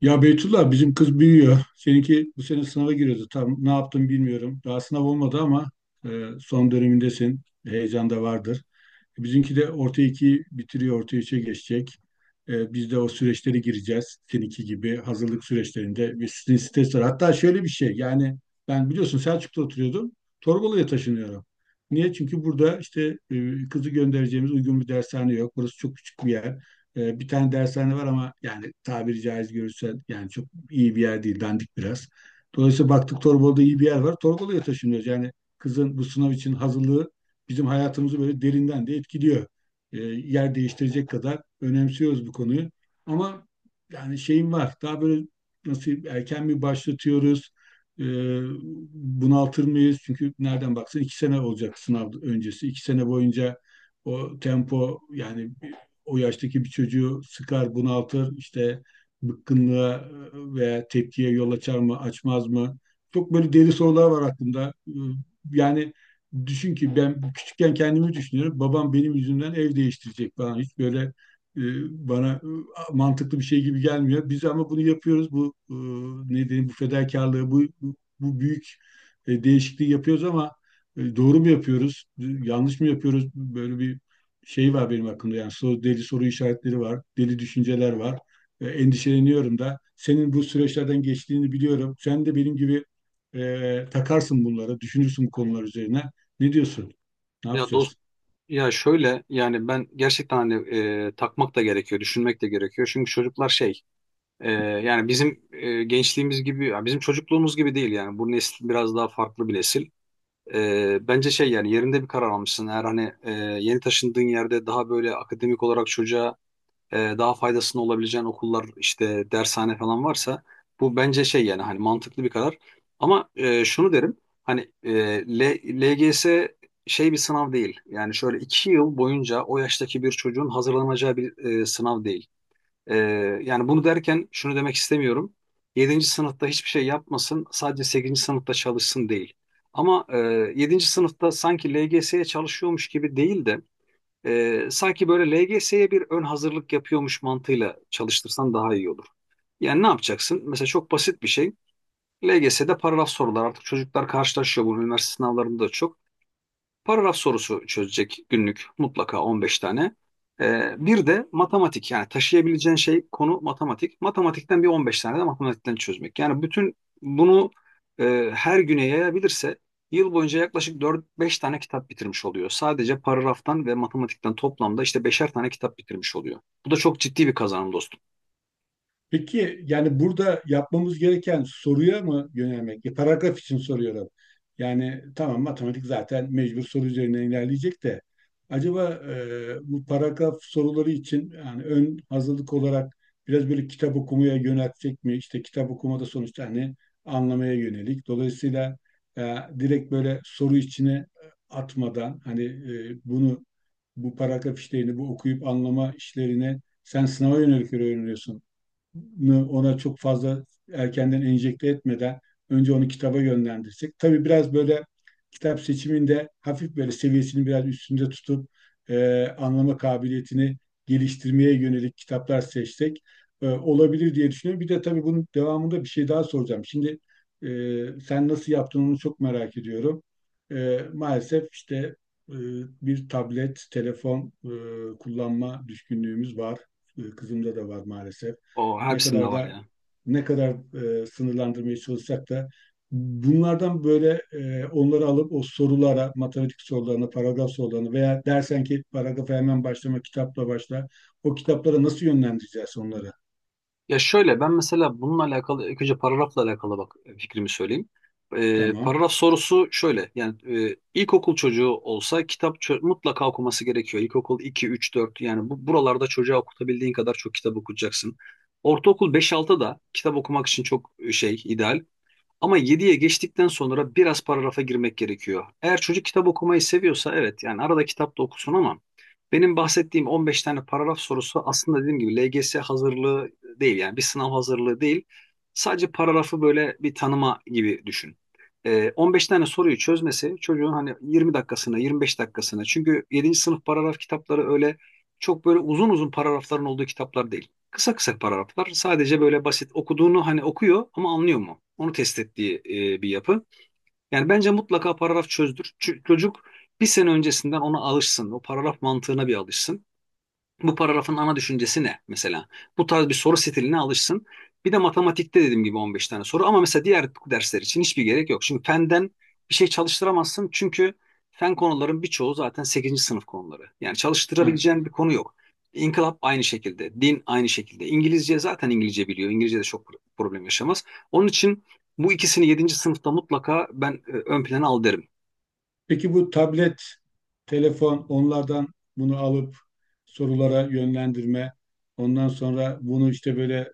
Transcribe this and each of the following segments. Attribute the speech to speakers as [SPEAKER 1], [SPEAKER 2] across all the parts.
[SPEAKER 1] Ya Beytullah, bizim kız büyüyor. Seninki bu sene sınava giriyordu. Tam ne yaptım bilmiyorum. Daha sınav olmadı ama e, son dönemindesin. Heyecan da vardır. Bizimki de orta iki bitiriyor, orta üçe geçecek. Biz de o süreçlere gireceğiz. Seninki gibi hazırlık süreçlerinde bir sizin stres var. Hatta şöyle bir şey, yani ben, biliyorsun, Selçuk'ta oturuyordum. Torbalı'ya taşınıyorum. Niye? Çünkü burada işte kızı göndereceğimiz uygun bir dershane yok. Burası çok küçük bir yer. E, bir tane dershane var ama yani, tabiri caiz görürsen, yani çok iyi bir yer değil, dandik biraz. Dolayısıyla baktık, Torbalı'da iyi bir yer var. Torbalı'ya taşınıyoruz. Yani kızın bu sınav için hazırlığı bizim hayatımızı böyle derinden de etkiliyor. E, yer değiştirecek kadar önemsiyoruz bu konuyu. Ama yani şeyim var. Daha böyle nasıl, erken mi başlatıyoruz? E, bunaltır mıyız? Çünkü nereden baksan iki sene olacak sınav öncesi. İki sene boyunca o tempo, yani o yaştaki bir çocuğu sıkar, bunaltır. İşte bıkkınlığa veya tepkiye yol açar mı, açmaz mı? Çok böyle deli sorular var aklımda. Yani düşün ki, ben küçükken kendimi düşünüyorum. Babam benim yüzümden ev değiştirecek falan. Hiç böyle e, bana mantıklı bir şey gibi gelmiyor. Biz ama bunu yapıyoruz. Bu, ne diyeyim, bu fedakarlığı, bu büyük değişikliği yapıyoruz ama doğru mu yapıyoruz? Yanlış mı yapıyoruz? Böyle bir şey var benim aklımda. Yani soru, deli soru işaretleri var, deli düşünceler var. Endişeleniyorum da. Senin bu süreçlerden geçtiğini biliyorum. Sen de benim gibi takarsın bunlara, düşünürsün bu konular üzerine. Ne diyorsun? Ne
[SPEAKER 2] Ya dost
[SPEAKER 1] yapacağız?
[SPEAKER 2] ya şöyle yani ben gerçekten hani takmak da gerekiyor, düşünmek de gerekiyor. Çünkü çocuklar yani bizim gençliğimiz gibi ya bizim çocukluğumuz gibi değil yani bu nesil biraz daha farklı bir nesil. Bence şey yani yerinde bir karar almışsın. Eğer hani yeni taşındığın yerde daha böyle akademik olarak çocuğa daha faydasının olabileceğin okullar işte dershane falan varsa bu bence şey yani hani mantıklı bir karar. Ama şunu derim hani LGS şey bir sınav değil. Yani şöyle iki yıl boyunca o yaştaki bir çocuğun hazırlanacağı bir sınav değil. E, Yani bunu derken şunu demek istemiyorum. Yedinci sınıfta hiçbir şey yapmasın, sadece 8. sınıfta çalışsın değil. Ama 7. sınıfta sanki LGS'ye çalışıyormuş gibi değil de sanki böyle LGS'ye bir ön hazırlık yapıyormuş mantığıyla çalıştırsan daha iyi olur. Yani ne yapacaksın? Mesela çok basit bir şey. LGS'de paragraf sorular. Artık çocuklar karşılaşıyor. Bu üniversite sınavlarında da çok. Paragraf sorusu çözecek günlük mutlaka 15 tane. Bir de matematik, yani taşıyabileceğin şey konu matematik. Matematikten bir 15 tane de matematikten çözmek. Yani bütün bunu her güne yayabilirse yıl boyunca yaklaşık dört beş tane kitap bitirmiş oluyor. Sadece paragraftan ve matematikten toplamda işte beşer tane kitap bitirmiş oluyor. Bu da çok ciddi bir kazanım dostum.
[SPEAKER 1] Peki, yani burada yapmamız gereken soruya mı yönelmek? E, paragraf için soruyorum. Yani tamam, matematik zaten mecbur soru üzerine ilerleyecek de, acaba bu paragraf soruları için, yani ön hazırlık olarak biraz böyle kitap okumaya yöneltecek mi? İşte kitap okumada sonuçta, hani, anlamaya yönelik. Dolayısıyla direkt böyle soru içine atmadan, hani, e, bunu bu paragraf işlerini, bu okuyup anlama işlerine, sen sınava yönelik öğreniyorsun, ona çok fazla erkenden enjekte etmeden önce onu kitaba yönlendirsek. Tabii biraz böyle kitap seçiminde hafif böyle seviyesini biraz üstünde tutup anlama kabiliyetini geliştirmeye yönelik kitaplar seçsek olabilir diye düşünüyorum. Bir de tabii bunun devamında bir şey daha soracağım. Şimdi, e, sen nasıl yaptın, onu çok merak ediyorum. Maalesef işte e, bir tablet, telefon kullanma düşkünlüğümüz var. Kızımda da var maalesef.
[SPEAKER 2] O
[SPEAKER 1] ne
[SPEAKER 2] hepsinde
[SPEAKER 1] kadar
[SPEAKER 2] var
[SPEAKER 1] da
[SPEAKER 2] ya.
[SPEAKER 1] ne kadar e, sınırlandırmaya çalışsak da bunlardan böyle, onları alıp o sorulara, matematik sorularına, paragraf sorularına, veya dersen ki paragrafa hemen başlama, kitapla başla. O kitaplara nasıl yönlendireceğiz onları?
[SPEAKER 2] Ya şöyle, ben mesela bununla alakalı ilk önce paragrafla alakalı bak fikrimi söyleyeyim.
[SPEAKER 1] Tamam.
[SPEAKER 2] Paragraf sorusu şöyle yani ilkokul çocuğu olsa kitap mutlaka okuması gerekiyor. İlkokul 2, 3, 4 yani buralarda çocuğa okutabildiğin kadar çok kitap okutacaksın. Ortaokul beş, 6 da kitap okumak için çok şey ideal. Ama yediye geçtikten sonra biraz paragrafa girmek gerekiyor. Eğer çocuk kitap okumayı seviyorsa evet, yani arada kitap da okusun ama benim bahsettiğim 15 tane paragraf sorusu aslında dediğim gibi LGS hazırlığı değil, yani bir sınav hazırlığı değil. Sadece paragrafı böyle bir tanıma gibi düşün. 15 tane soruyu çözmesi çocuğun hani 20 dakikasına 25 dakikasına, çünkü yedinci sınıf paragraf kitapları öyle çok böyle uzun uzun paragrafların olduğu kitaplar değil. Kısa kısa paragraflar. Sadece böyle basit okuduğunu hani okuyor ama anlıyor mu? Onu test ettiği bir yapı. Yani bence mutlaka paragraf çözdür. Çocuk bir sene öncesinden ona alışsın. O paragraf mantığına bir alışsın. Bu paragrafın ana düşüncesi ne mesela? Bu tarz bir soru stiline alışsın. Bir de matematikte dediğim gibi 15 tane soru, ama mesela diğer dersler için hiçbir gerek yok. Şimdi fenden bir şey çalıştıramazsın çünkü fen konuların birçoğu zaten sekizinci sınıf konuları. Yani
[SPEAKER 1] Ha,
[SPEAKER 2] çalıştırabileceğin bir konu yok. İnkılap aynı şekilde, din aynı şekilde. İngilizce zaten, İngilizce biliyor. İngilizce de çok problem yaşamaz. Onun için bu ikisini yedinci sınıfta mutlaka ben ön plana al derim.
[SPEAKER 1] peki bu tablet, telefon, onlardan bunu alıp sorulara yönlendirme, ondan sonra bunu işte böyle,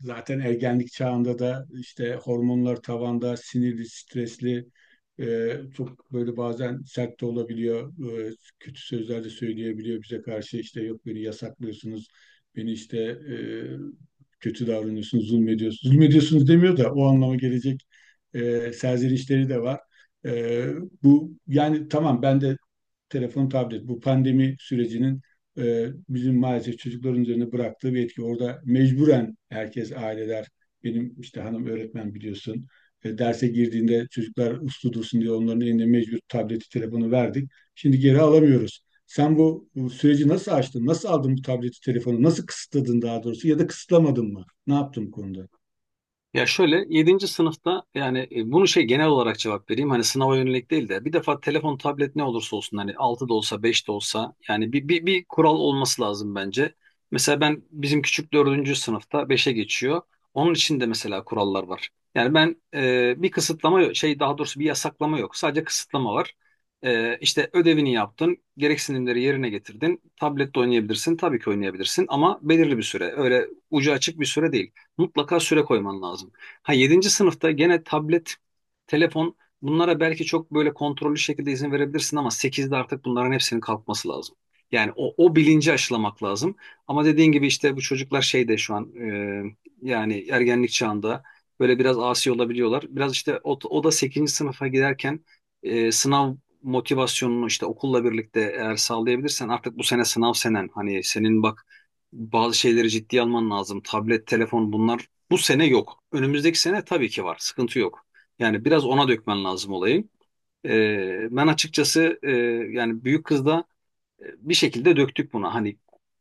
[SPEAKER 1] zaten ergenlik çağında da işte hormonlar tavanda, sinirli, stresli, e, çok böyle bazen sert de olabiliyor, kötü sözler de söyleyebiliyor bize karşı, işte "yok beni yasaklıyorsunuz, beni işte kötü davranıyorsunuz, zulmediyorsunuz". Zulmediyorsunuz demiyor da o anlama gelecek serzenişleri de var. Ee, bu yani, tamam ben de telefon, tablet, bu pandemi sürecinin bizim maalesef çocukların üzerine bıraktığı bir etki. Orada mecburen herkes, aileler, benim işte hanım öğretmen, biliyorsun, E, derse girdiğinde çocuklar uslu dursun diye onların eline mecbur tableti telefonu verdik. Şimdi geri alamıyoruz. Sen bu süreci nasıl açtın? Nasıl aldın bu tableti telefonu? Nasıl kısıtladın, daha doğrusu, ya da kısıtlamadın mı? Ne yaptın bu konuda?
[SPEAKER 2] Ya şöyle, yedinci sınıfta yani bunu şey genel olarak cevap vereyim hani sınava yönelik değil de bir defa telefon tablet ne olursa olsun hani 6 da olsa 5 de olsa yani bir kural olması lazım bence. Mesela ben bizim küçük dördüncü sınıfta beşe geçiyor. Onun için de mesela kurallar var. Yani ben bir kısıtlama yok- şey, daha doğrusu bir yasaklama yok, sadece kısıtlama var. İşte ödevini yaptın, gereksinimleri yerine getirdin, tablette oynayabilirsin, tabii ki oynayabilirsin ama belirli bir süre, öyle ucu açık bir süre değil, mutlaka süre koyman lazım. Ha, yedinci sınıfta gene tablet, telefon, bunlara belki çok böyle kontrollü şekilde izin verebilirsin ama sekizde artık bunların hepsinin kalkması lazım. Yani o bilinci aşılamak lazım. Ama dediğin gibi işte bu çocuklar şeyde şu an yani ergenlik çağında böyle biraz asi olabiliyorlar. Biraz işte o da 8. sınıfa giderken sınav motivasyonunu işte okulla birlikte eğer sağlayabilirsen artık bu sene sınav senen, hani senin bak bazı şeyleri ciddiye alman lazım. Tablet, telefon, bunlar bu sene yok. Önümüzdeki sene tabii ki var. Sıkıntı yok. Yani biraz ona dökmen lazım olayı. Ben açıkçası yani büyük kızda bir şekilde döktük buna. Hani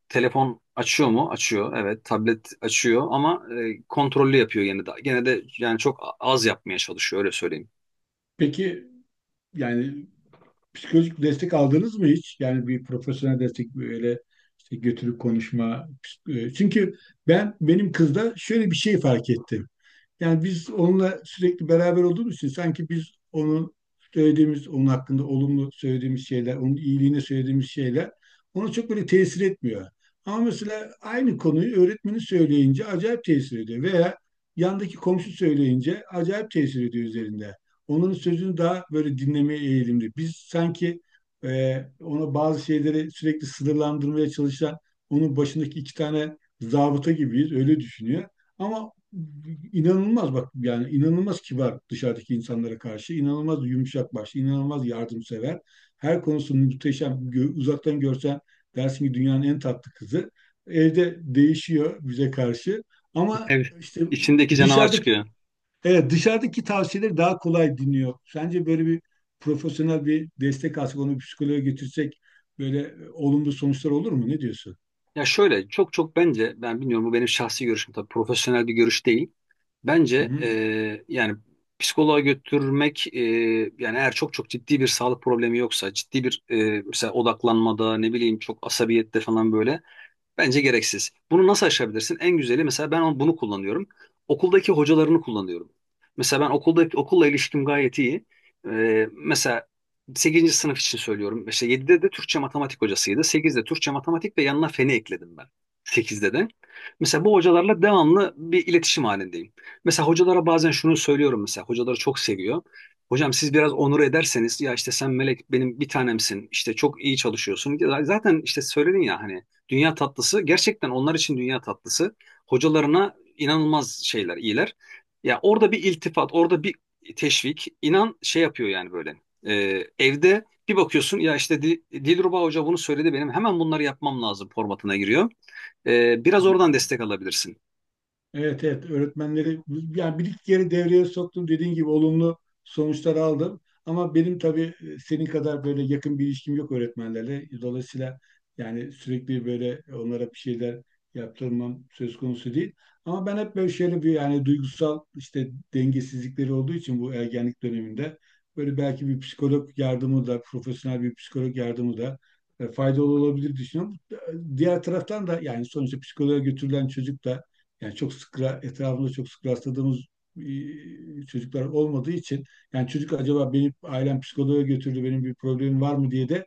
[SPEAKER 2] telefon açıyor mu? Açıyor. Evet. Tablet açıyor ama kontrollü yapıyor yine de. Gene de yani çok az yapmaya çalışıyor, öyle söyleyeyim.
[SPEAKER 1] Peki, yani psikolojik destek aldınız mı hiç? Yani bir profesyonel destek, böyle işte götürüp konuşma. Çünkü ben, benim kızda şöyle bir şey fark ettim. Yani biz onunla sürekli beraber olduğumuz için, sanki biz onun söylediğimiz, onun hakkında olumlu söylediğimiz şeyler, onun iyiliğine söylediğimiz şeyler ona çok böyle tesir etmiyor. Ama mesela aynı konuyu öğretmeni söyleyince acayip tesir ediyor, veya yandaki komşu söyleyince acayip tesir ediyor üzerinde. Onun sözünü daha böyle dinlemeye eğilimli. Biz sanki ona bazı şeyleri sürekli sınırlandırmaya çalışan, onun başındaki iki tane zabıta gibiyiz, öyle düşünüyor. Ama inanılmaz, bak, yani inanılmaz kibar dışarıdaki insanlara karşı, inanılmaz yumuşak başlı, inanılmaz yardımsever. Her konusunda muhteşem. Uzaktan görsen dersin ki dünyanın en tatlı kızı. Evde değişiyor bize karşı. Ama
[SPEAKER 2] Evet.
[SPEAKER 1] işte
[SPEAKER 2] İçindeki canavar
[SPEAKER 1] dışarıdaki,
[SPEAKER 2] çıkıyor.
[SPEAKER 1] evet, dışarıdaki tavsiyeleri daha kolay dinliyor. Sence böyle bir profesyonel bir destek alsak, onu bir psikoloğa götürsek, böyle olumlu sonuçlar olur mu? Ne diyorsun?
[SPEAKER 2] Ya şöyle, çok çok bence, ben bilmiyorum, bu benim şahsi görüşüm tabii, profesyonel bir görüş değil. Bence
[SPEAKER 1] Hı
[SPEAKER 2] yani psikoloğa götürmek yani eğer çok çok ciddi bir sağlık problemi yoksa, ciddi bir mesela odaklanmada ne bileyim, çok asabiyette falan böyle, bence gereksiz. Bunu nasıl aşabilirsin? En güzeli, mesela ben bunu kullanıyorum. Okuldaki hocalarını kullanıyorum. Mesela ben okulla ilişkim gayet iyi. Mesela sekizinci sınıf için söylüyorum. İşte yedide de Türkçe matematik hocasıydı. Sekizde Türkçe matematik ve yanına feni ekledim ben. 8'de de. Mesela bu hocalarla devamlı bir iletişim halindeyim. Mesela hocalara bazen şunu söylüyorum mesela. Hocaları çok seviyor. "Hocam, siz biraz onur ederseniz ya, işte sen melek, benim bir tanemsin, işte çok iyi çalışıyorsun." Zaten işte söyledin ya hani dünya tatlısı, gerçekten onlar için dünya tatlısı. Hocalarına inanılmaz şeyler, iyiler. Ya orada bir iltifat, orada bir teşvik inan şey yapıyor yani böyle. Evde bir bakıyorsun ya, işte Dilruba Hoca bunu söyledi, benim hemen bunları yapmam lazım formatına giriyor. Biraz
[SPEAKER 1] hı.
[SPEAKER 2] oradan destek alabilirsin.
[SPEAKER 1] Evet, evet, öğretmenleri, yani bir iki kere devreye soktum, dediğin gibi olumlu sonuçlar aldım. Ama benim tabii senin kadar böyle yakın bir ilişkim yok öğretmenlerle. Dolayısıyla yani sürekli böyle onlara bir şeyler yaptırmam söz konusu değil. Ama ben hep böyle şöyle bir, yani duygusal işte dengesizlikleri olduğu için bu ergenlik döneminde, böyle belki bir psikolog yardımı da, profesyonel bir psikolog yardımı da faydalı olabilir düşünüyorum. Diğer taraftan da, yani sonuçta psikoloğa götürülen çocuk da, yani çok sık etrafımızda çok sık rastladığımız çocuklar olmadığı için, yani çocuk "acaba benim ailem psikoloğa götürdü, benim bir problemim var mı" diye de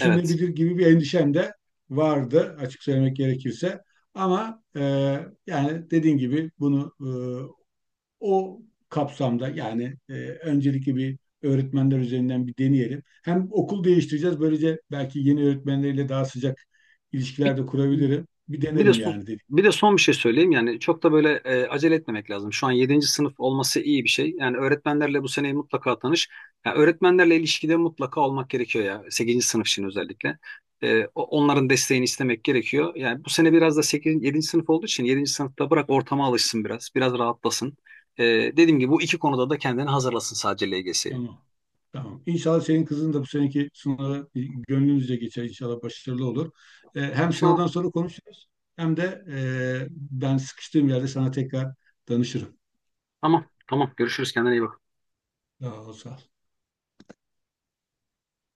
[SPEAKER 2] Evet.
[SPEAKER 1] gibi bir endişem de vardı, açık söylemek gerekirse. Ama yani dediğin gibi bunu o kapsamda, yani öncelikli bir öğretmenler üzerinden bir deneyelim. Hem okul değiştireceğiz, böylece belki yeni öğretmenleriyle daha sıcak
[SPEAKER 2] Bir,
[SPEAKER 1] ilişkiler de kurabilirim. Bir
[SPEAKER 2] Bir de
[SPEAKER 1] denerim
[SPEAKER 2] son,
[SPEAKER 1] yani dedik.
[SPEAKER 2] bir de son bir şey söyleyeyim, yani çok da böyle acele etmemek lazım. Şu an yedinci sınıf olması iyi bir şey. Yani öğretmenlerle bu seneyi mutlaka tanış. Yani öğretmenlerle ilişkide mutlaka olmak gerekiyor ya, sekizinci sınıf için özellikle. Onların desteğini istemek gerekiyor. Yani bu sene biraz da yedinci sınıf olduğu için yedinci sınıfta bırak ortama alışsın biraz, biraz rahatlasın. Dediğim gibi bu iki konuda da kendini hazırlasın sadece LGS'ye.
[SPEAKER 1] Tamam. Tamam. İnşallah senin kızın da bu seneki sınava gönlünüzce geçer. İnşallah başarılı olur. Hem
[SPEAKER 2] İnşallah.
[SPEAKER 1] sınavdan sonra konuşuruz, hem de ben sıkıştığım yerde sana tekrar danışırım.
[SPEAKER 2] Tamam, tamam. Görüşürüz. Kendine iyi bak.
[SPEAKER 1] Sağ ol, sağ ol.